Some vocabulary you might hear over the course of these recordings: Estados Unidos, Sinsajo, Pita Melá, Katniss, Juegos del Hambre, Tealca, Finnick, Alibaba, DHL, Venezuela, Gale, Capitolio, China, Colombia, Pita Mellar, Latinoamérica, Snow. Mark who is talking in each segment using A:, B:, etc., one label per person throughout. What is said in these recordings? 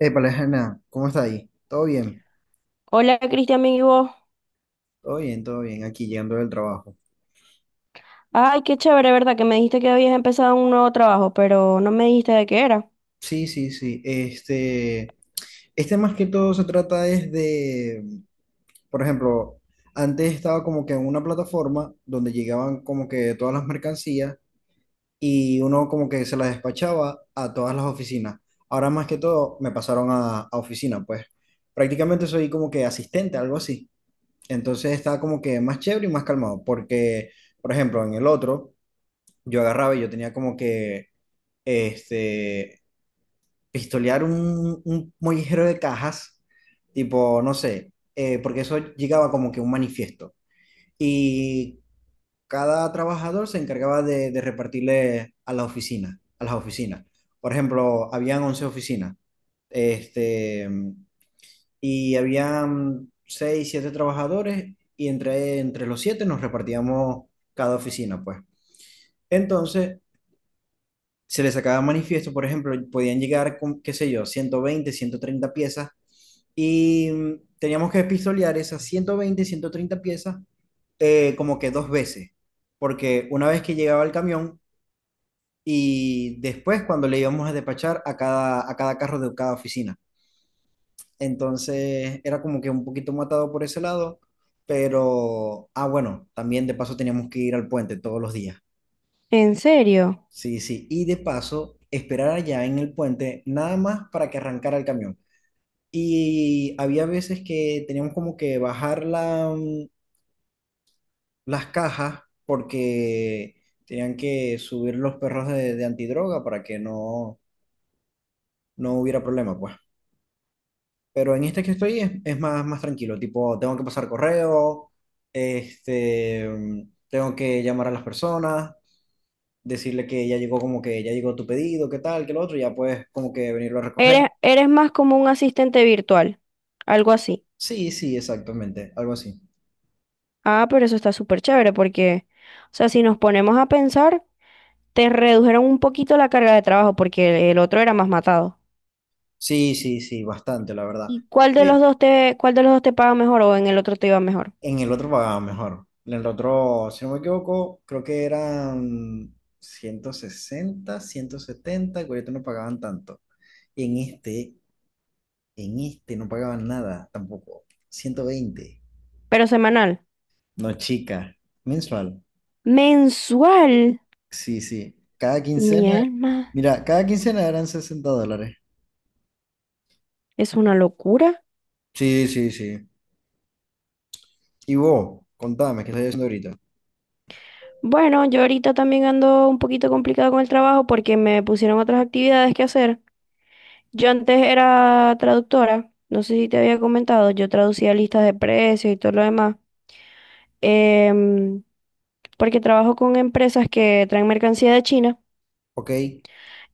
A: Épale, Jana, ¿cómo está ahí? ¿Todo bien?
B: Hola Cristian, ¿y vos?
A: Todo bien, todo bien, aquí llegando del trabajo.
B: Ay, qué chévere, ¿verdad? Que me dijiste que habías empezado un nuevo trabajo, pero no me dijiste de qué era.
A: Sí, sí, sí. Este, más que todo se trata es de, por ejemplo, antes estaba como que en una plataforma donde llegaban como que todas las mercancías y uno como que se las despachaba a todas las oficinas. Ahora más que todo me pasaron a oficina, pues prácticamente soy como que asistente, algo así. Entonces está como que más chévere y más calmado, porque, por ejemplo, en el otro, yo agarraba y yo tenía como que este, pistolear un mollejero de cajas, tipo, no sé, porque eso llegaba como que un manifiesto. Y cada trabajador se encargaba de repartirle a la oficina, a las oficinas. Por ejemplo, habían 11 oficinas, este, y habían 6 7 trabajadores, y entre los 7 nos repartíamos cada oficina, pues. Entonces, se les sacaba manifiesto, por ejemplo, podían llegar con, qué sé yo, 120, 130 piezas y teníamos que pistolear esas 120, ciento treinta piezas como que dos veces, porque una vez que llegaba el camión y después cuando le íbamos a despachar a cada carro de cada oficina. Entonces era como que un poquito matado por ese lado, pero, ah, bueno, también de paso teníamos que ir al puente todos los días.
B: ¿En serio?
A: Sí, sí, y de paso, esperar allá en el puente nada más para que arrancara el camión. Y había veces que teníamos como que bajar las cajas porque tenían que subir los perros de antidroga para que no hubiera problema, pues. Pero en este que estoy es más, más tranquilo, tipo, tengo que pasar correo, este, mm, tengo que llamar a las personas, decirle que ya llegó como que ya llegó tu pedido, qué tal, qué lo otro, y ya puedes como que venirlo a recoger.
B: Eres más como un asistente virtual, algo así.
A: Sí, sí, exactamente, algo así.
B: Ah, pero eso está súper chévere porque, o sea, si nos ponemos a pensar, te redujeron un poquito la carga de trabajo porque el otro era más matado.
A: Sí, sí, sí, bastante, la verdad.
B: ¿Y cuál de los
A: Eh,
B: dos te, cuál de los dos te paga mejor o en el otro te iba mejor?
A: en el otro pagaba mejor. En el otro, si no me equivoco, creo que eran 160, 170, y ahorita no pagaban tanto. Y en este no pagaban nada tampoco. 120.
B: Pero semanal.
A: No, chica, mensual.
B: Mensual.
A: Sí, sí. Cada
B: Mi
A: quincena,
B: alma.
A: mira, cada quincena eran $60.
B: Es una locura.
A: Sí, sí, sí. Y vos, contame, ¿qué estás haciendo ahorita?
B: Bueno, yo ahorita también ando un poquito complicado con el trabajo porque me pusieron otras actividades que hacer. Yo antes era traductora, no sé si te había comentado, yo traducía listas de precios y todo lo demás, em, porque trabajo con empresas que traen mercancía de China
A: Ok,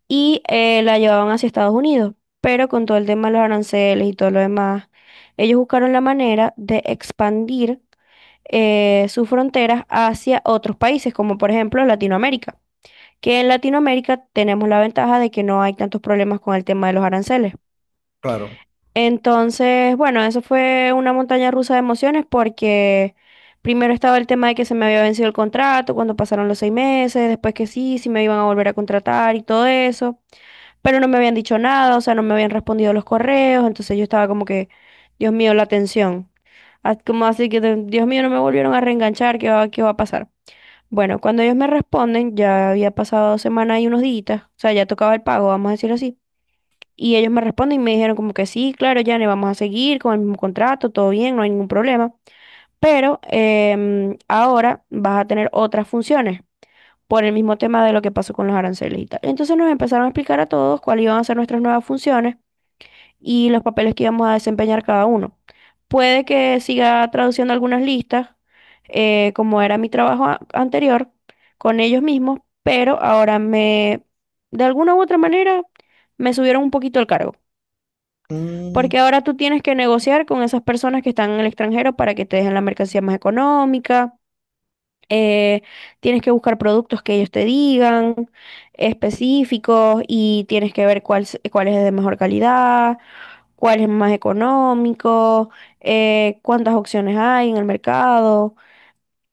B: y la llevaban hacia Estados Unidos, pero con todo el tema de los aranceles y todo lo demás, ellos buscaron la manera de expandir sus fronteras hacia otros países, como por ejemplo Latinoamérica. Que en Latinoamérica tenemos la ventaja de que no hay tantos problemas con el tema de los aranceles.
A: claro.
B: Entonces, bueno, eso fue una montaña rusa de emociones porque primero estaba el tema de que se me había vencido el contrato cuando pasaron los 6 meses, después que sí, sí me iban a volver a contratar y todo eso, pero no me habían dicho nada, o sea, no me habían respondido los correos, entonces yo estaba como que, Dios mío, la tensión. Ah, como así que, Dios mío, no me volvieron a reenganchar, ¿qué va a pasar? Bueno, cuando ellos me responden, ya había pasado 2 semanas y unos días, o sea, ya tocaba el pago, vamos a decirlo así. Y ellos me responden y me dijeron como que sí, claro, ya le vamos a seguir con el mismo contrato, todo bien, no hay ningún problema. Pero ahora vas a tener otras funciones por el mismo tema de lo que pasó con los aranceles y tal. Entonces nos empezaron a explicar a todos cuáles iban a ser nuestras nuevas funciones y los papeles que íbamos a desempeñar cada uno. Puede que siga traduciendo algunas listas, como era mi trabajo anterior, con ellos mismos, pero ahora, de alguna u otra manera, me subieron un poquito el cargo.
A: Mm,
B: Porque ahora tú tienes que negociar con esas personas que están en el extranjero para que te dejen la mercancía más económica. eh, Tienes que buscar productos que ellos te digan específicos y tienes que ver cuál es de mejor calidad, cuál es más económico, cuántas opciones hay en el mercado,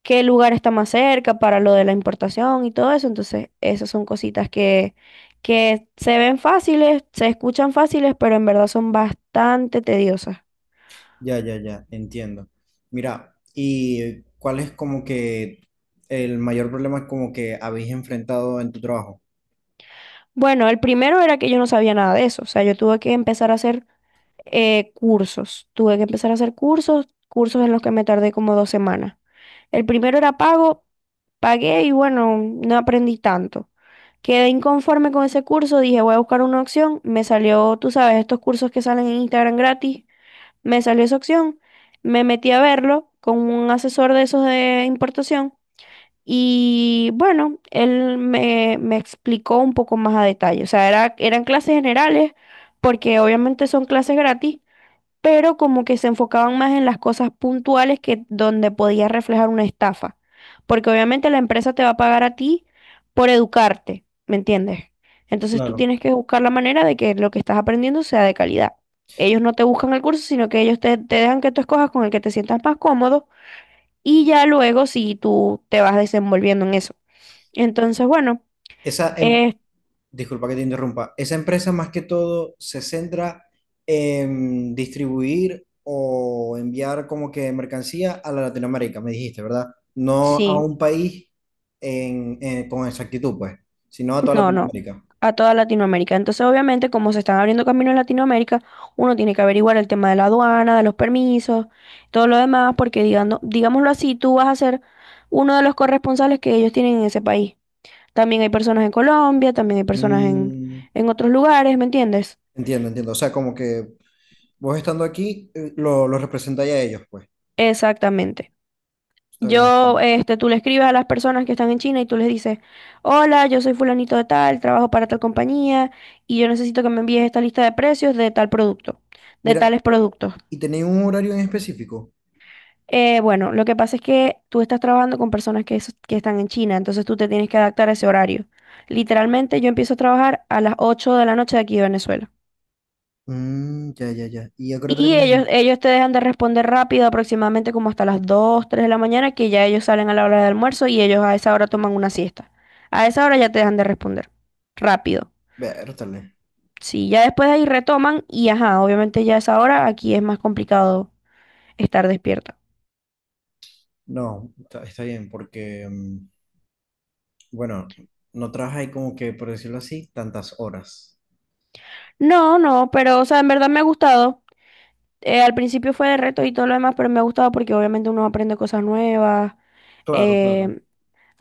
B: qué lugar está más cerca para lo de la importación y todo eso. Entonces, esas son cositas que se ven fáciles, se escuchan fáciles, pero en verdad son bastante tediosas.
A: ya, ya, ya, entiendo. Mira, ¿y cuál es como que el mayor problema como que habéis enfrentado en tu trabajo?
B: Bueno, el primero era que yo no sabía nada de eso, o sea, yo tuve que empezar a hacer cursos, cursos en los que me tardé como 2 semanas. El primero era pago, pagué y bueno, no aprendí tanto. Quedé inconforme con ese curso, dije voy a buscar una opción, me salió, tú sabes, estos cursos que salen en Instagram gratis, me salió esa opción, me metí a verlo con un asesor de esos de importación y bueno, él me explicó un poco más a detalle, o sea, eran clases generales porque obviamente son clases gratis, pero como que se enfocaban más en las cosas puntuales que donde podía reflejar una estafa. Porque obviamente la empresa te va a pagar a ti por educarte, ¿me entiendes? Entonces tú
A: Claro.
B: tienes que buscar la manera de que lo que estás aprendiendo sea de calidad. Ellos no te buscan el curso, sino que ellos te dejan que tú escojas con el que te sientas más cómodo y ya luego si tú te vas desenvolviendo en eso. Entonces, bueno,
A: Esa, em-
B: eh,
A: Disculpa que te interrumpa, esa empresa más que todo se centra en distribuir o enviar como que mercancía a la Latinoamérica, me dijiste, ¿verdad? No a
B: sí.
A: un país con exactitud, pues, sino a toda
B: No, no,
A: Latinoamérica.
B: a toda Latinoamérica. Entonces, obviamente, como se están abriendo caminos en Latinoamérica, uno tiene que averiguar el tema de la aduana, de los permisos, todo lo demás, porque digámoslo así, tú vas a ser uno de los corresponsales que ellos tienen en ese país. También hay personas en Colombia, también hay personas
A: Mm,
B: en otros lugares, ¿me entiendes?
A: entiendo, entiendo. O sea, como que vos estando aquí, lo representáis a ellos, pues.
B: Exactamente.
A: Está bien. Está
B: Yo,
A: bien.
B: este, tú le escribes a las personas que están en China y tú les dices, hola, yo soy fulanito de tal, trabajo para tal compañía y yo necesito que me envíes esta lista de precios de tal producto, de
A: Mira,
B: tales productos.
A: ¿y tenéis un horario en específico?
B: Bueno, lo que pasa es que tú estás trabajando con personas que están en China, entonces tú te tienes que adaptar a ese horario. Literalmente yo empiezo a trabajar a las 8 de la noche de aquí de Venezuela.
A: Mm, ya, ya, ya. ¿Y a qué hora
B: Y
A: termináis?
B: ellos te dejan de responder rápido, aproximadamente como hasta las 2 3 de la mañana, que ya ellos salen a la hora del almuerzo y ellos a esa hora toman una siesta. A esa hora ya te dejan de responder rápido.
A: Vértale.
B: Sí, ya después de ahí retoman y ajá, obviamente ya a esa hora aquí es más complicado estar despierta.
A: No, está bien, porque, bueno, no trabajáis como que, por decirlo así, tantas horas.
B: No, no, pero o sea, en verdad me ha gustado. Al principio fue de reto y todo lo demás, pero me ha gustado porque obviamente uno aprende cosas nuevas.
A: Claro, claro.
B: eh,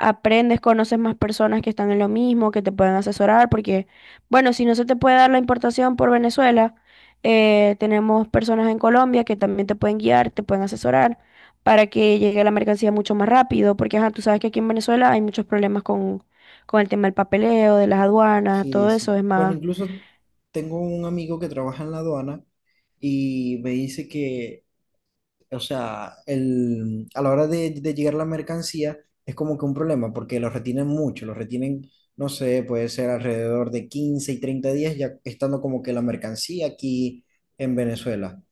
B: Aprendes, conoces más personas que están en lo mismo, que te pueden asesorar, porque, bueno, si no se te puede dar la importación por Venezuela, tenemos personas en Colombia que también te pueden guiar, te pueden asesorar para que llegue la mercancía mucho más rápido, porque ajá, tú sabes que aquí en Venezuela hay muchos problemas con el tema del papeleo, de las aduanas,
A: Sí,
B: todo eso
A: sí.
B: es
A: Bueno,
B: más.
A: incluso tengo un amigo que trabaja en la aduana y me dice que, o sea, a la hora de llegar la mercancía es como que un problema, porque los retienen mucho, los retienen, no sé, puede ser alrededor de 15 y 30 días ya estando como que la mercancía aquí en Venezuela.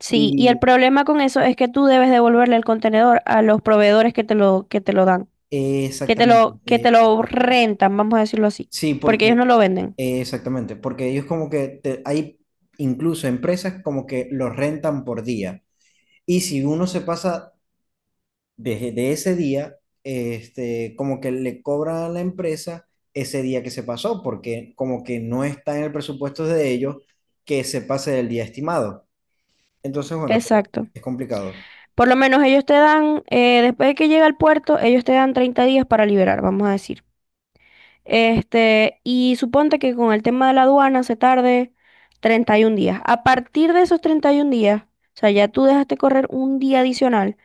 B: Sí, y el
A: Y
B: problema con eso es que tú debes devolverle el contenedor a los proveedores que que te lo dan, que
A: exactamente,
B: que te lo rentan, vamos a decirlo así,
A: sí,
B: porque ellos no
A: porque,
B: lo venden.
A: exactamente, porque ellos como que hay incluso empresas como que los rentan por día. Y si uno se pasa desde de ese día, como que le cobra a la empresa ese día que se pasó, porque como que no está en el presupuesto de ellos que se pase del día estimado. Entonces, bueno,
B: Exacto.
A: es complicado.
B: Por lo menos ellos te dan, después de que llega al puerto, ellos te dan 30 días para liberar, vamos a decir. Y suponte que con el tema de la aduana se tarde 31 días. A partir de esos 31 días, o sea, ya tú dejaste correr un día adicional.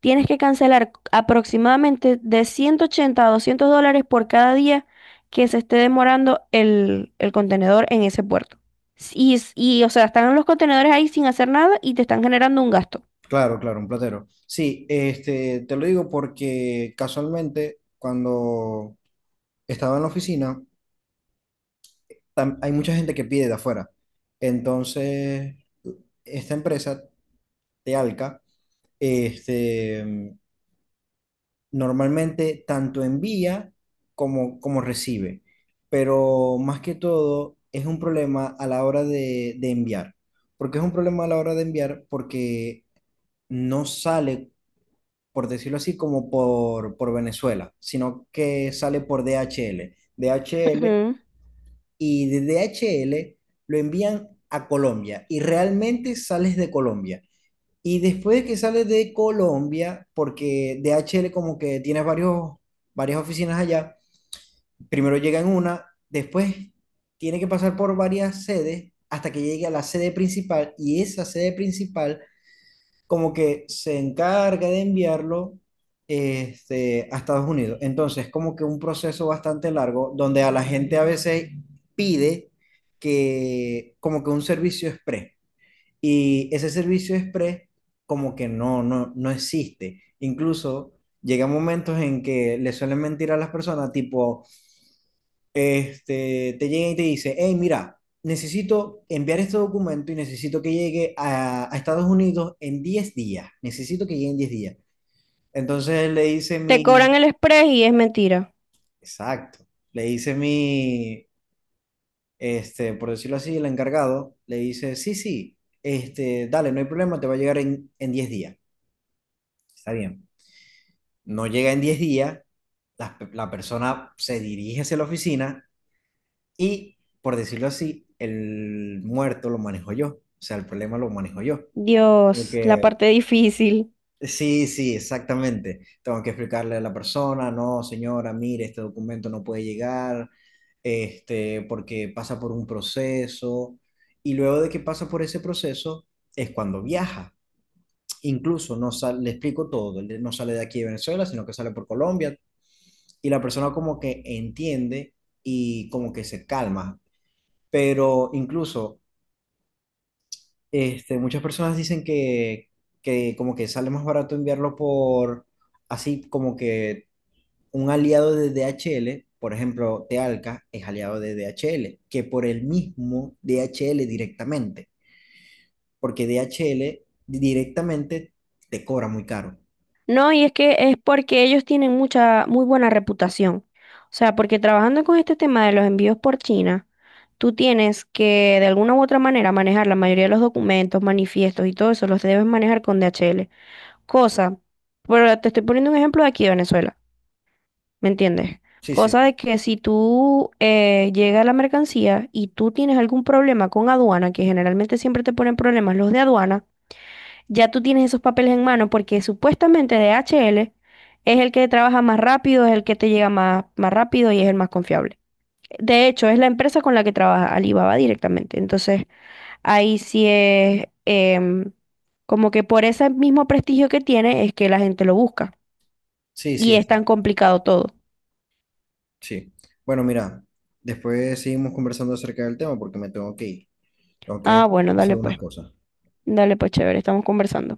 B: Tienes que cancelar aproximadamente de 180 a $200 por cada día que se esté demorando el contenedor en ese puerto. Y, o sea, están los contenedores ahí sin hacer nada y te están generando un gasto.
A: Claro, claro, un platero. Sí, te lo digo porque casualmente cuando estaba en la oficina, hay mucha gente que pide de afuera. Entonces, esta empresa, Tealca, este, normalmente tanto envía como recibe, pero más que todo es un problema a la hora de enviar. ¿Por qué es un problema a la hora de enviar? Porque no sale, por decirlo así, como por Venezuela, sino que sale por DHL. DHL
B: Ujú.
A: y de DHL lo envían a Colombia y realmente sales de Colombia. Y después de que sales de Colombia, porque DHL como que tiene varias oficinas allá, primero llega en una, después tiene que pasar por varias sedes hasta que llegue a la sede principal y esa sede principal como que se encarga de enviarlo, a Estados Unidos. Entonces, como que un proceso bastante largo donde a la gente a veces pide que como que un servicio express. Y ese servicio express como que no existe. Incluso llegan momentos en que le suelen mentir a las personas, tipo, te llega y te dice: hey, mira, necesito enviar este documento y necesito que llegue a Estados Unidos en 10 días. Necesito que llegue en 10 días. Entonces le dice
B: Te
A: mi,
B: cobran el express y es mentira.
A: exacto, le dice mi, por decirlo así, el encargado, le dice, sí, sí, dale, no hay problema, te va a llegar en 10 días. Está bien. No llega en 10 días, la persona se dirige hacia la oficina y, por decirlo así, el muerto lo manejo yo, o sea, el problema lo manejo yo. Como
B: Dios, la
A: que,
B: parte difícil.
A: sí, sí, exactamente. Tengo que explicarle a la persona, no, señora, mire, este documento no puede llegar, porque pasa por un proceso. Y luego de que pasa por ese proceso es cuando viaja. Incluso no sale, le explico todo, él no sale de aquí de Venezuela, sino que sale por Colombia, y la persona como que entiende y como que se calma. Pero incluso muchas personas dicen que como que sale más barato enviarlo por así como que un aliado de DHL, por ejemplo, Tealca es aliado de DHL que por el mismo DHL directamente, porque DHL directamente te cobra muy caro.
B: No, y es que es porque ellos tienen mucha, muy buena reputación. O sea, porque trabajando con este tema de los envíos por China, tú tienes que de alguna u otra manera manejar la mayoría de los documentos, manifiestos y todo eso, los debes manejar con DHL. Cosa, pero te estoy poniendo un ejemplo de aquí de Venezuela, ¿me entiendes?
A: Sí, sí,
B: Cosa de que si tú llega la mercancía y tú tienes algún problema con aduana, que generalmente siempre te ponen problemas los de aduana, ya tú tienes esos papeles en mano porque supuestamente DHL es el que trabaja más rápido, es el que te llega más rápido y es el más confiable. De hecho, es la empresa con la que trabaja Alibaba directamente. Entonces, ahí sí es como que por ese mismo prestigio que tiene es que la gente lo busca.
A: sí,
B: Y
A: sí,
B: es
A: sí.
B: tan complicado todo.
A: Sí. Bueno, mira, después seguimos conversando acerca del tema porque me tengo que ir. Tengo
B: Ah,
A: que
B: bueno,
A: hacer
B: dale
A: unas
B: pues.
A: cosas.
B: Dale pues, chévere, estamos conversando.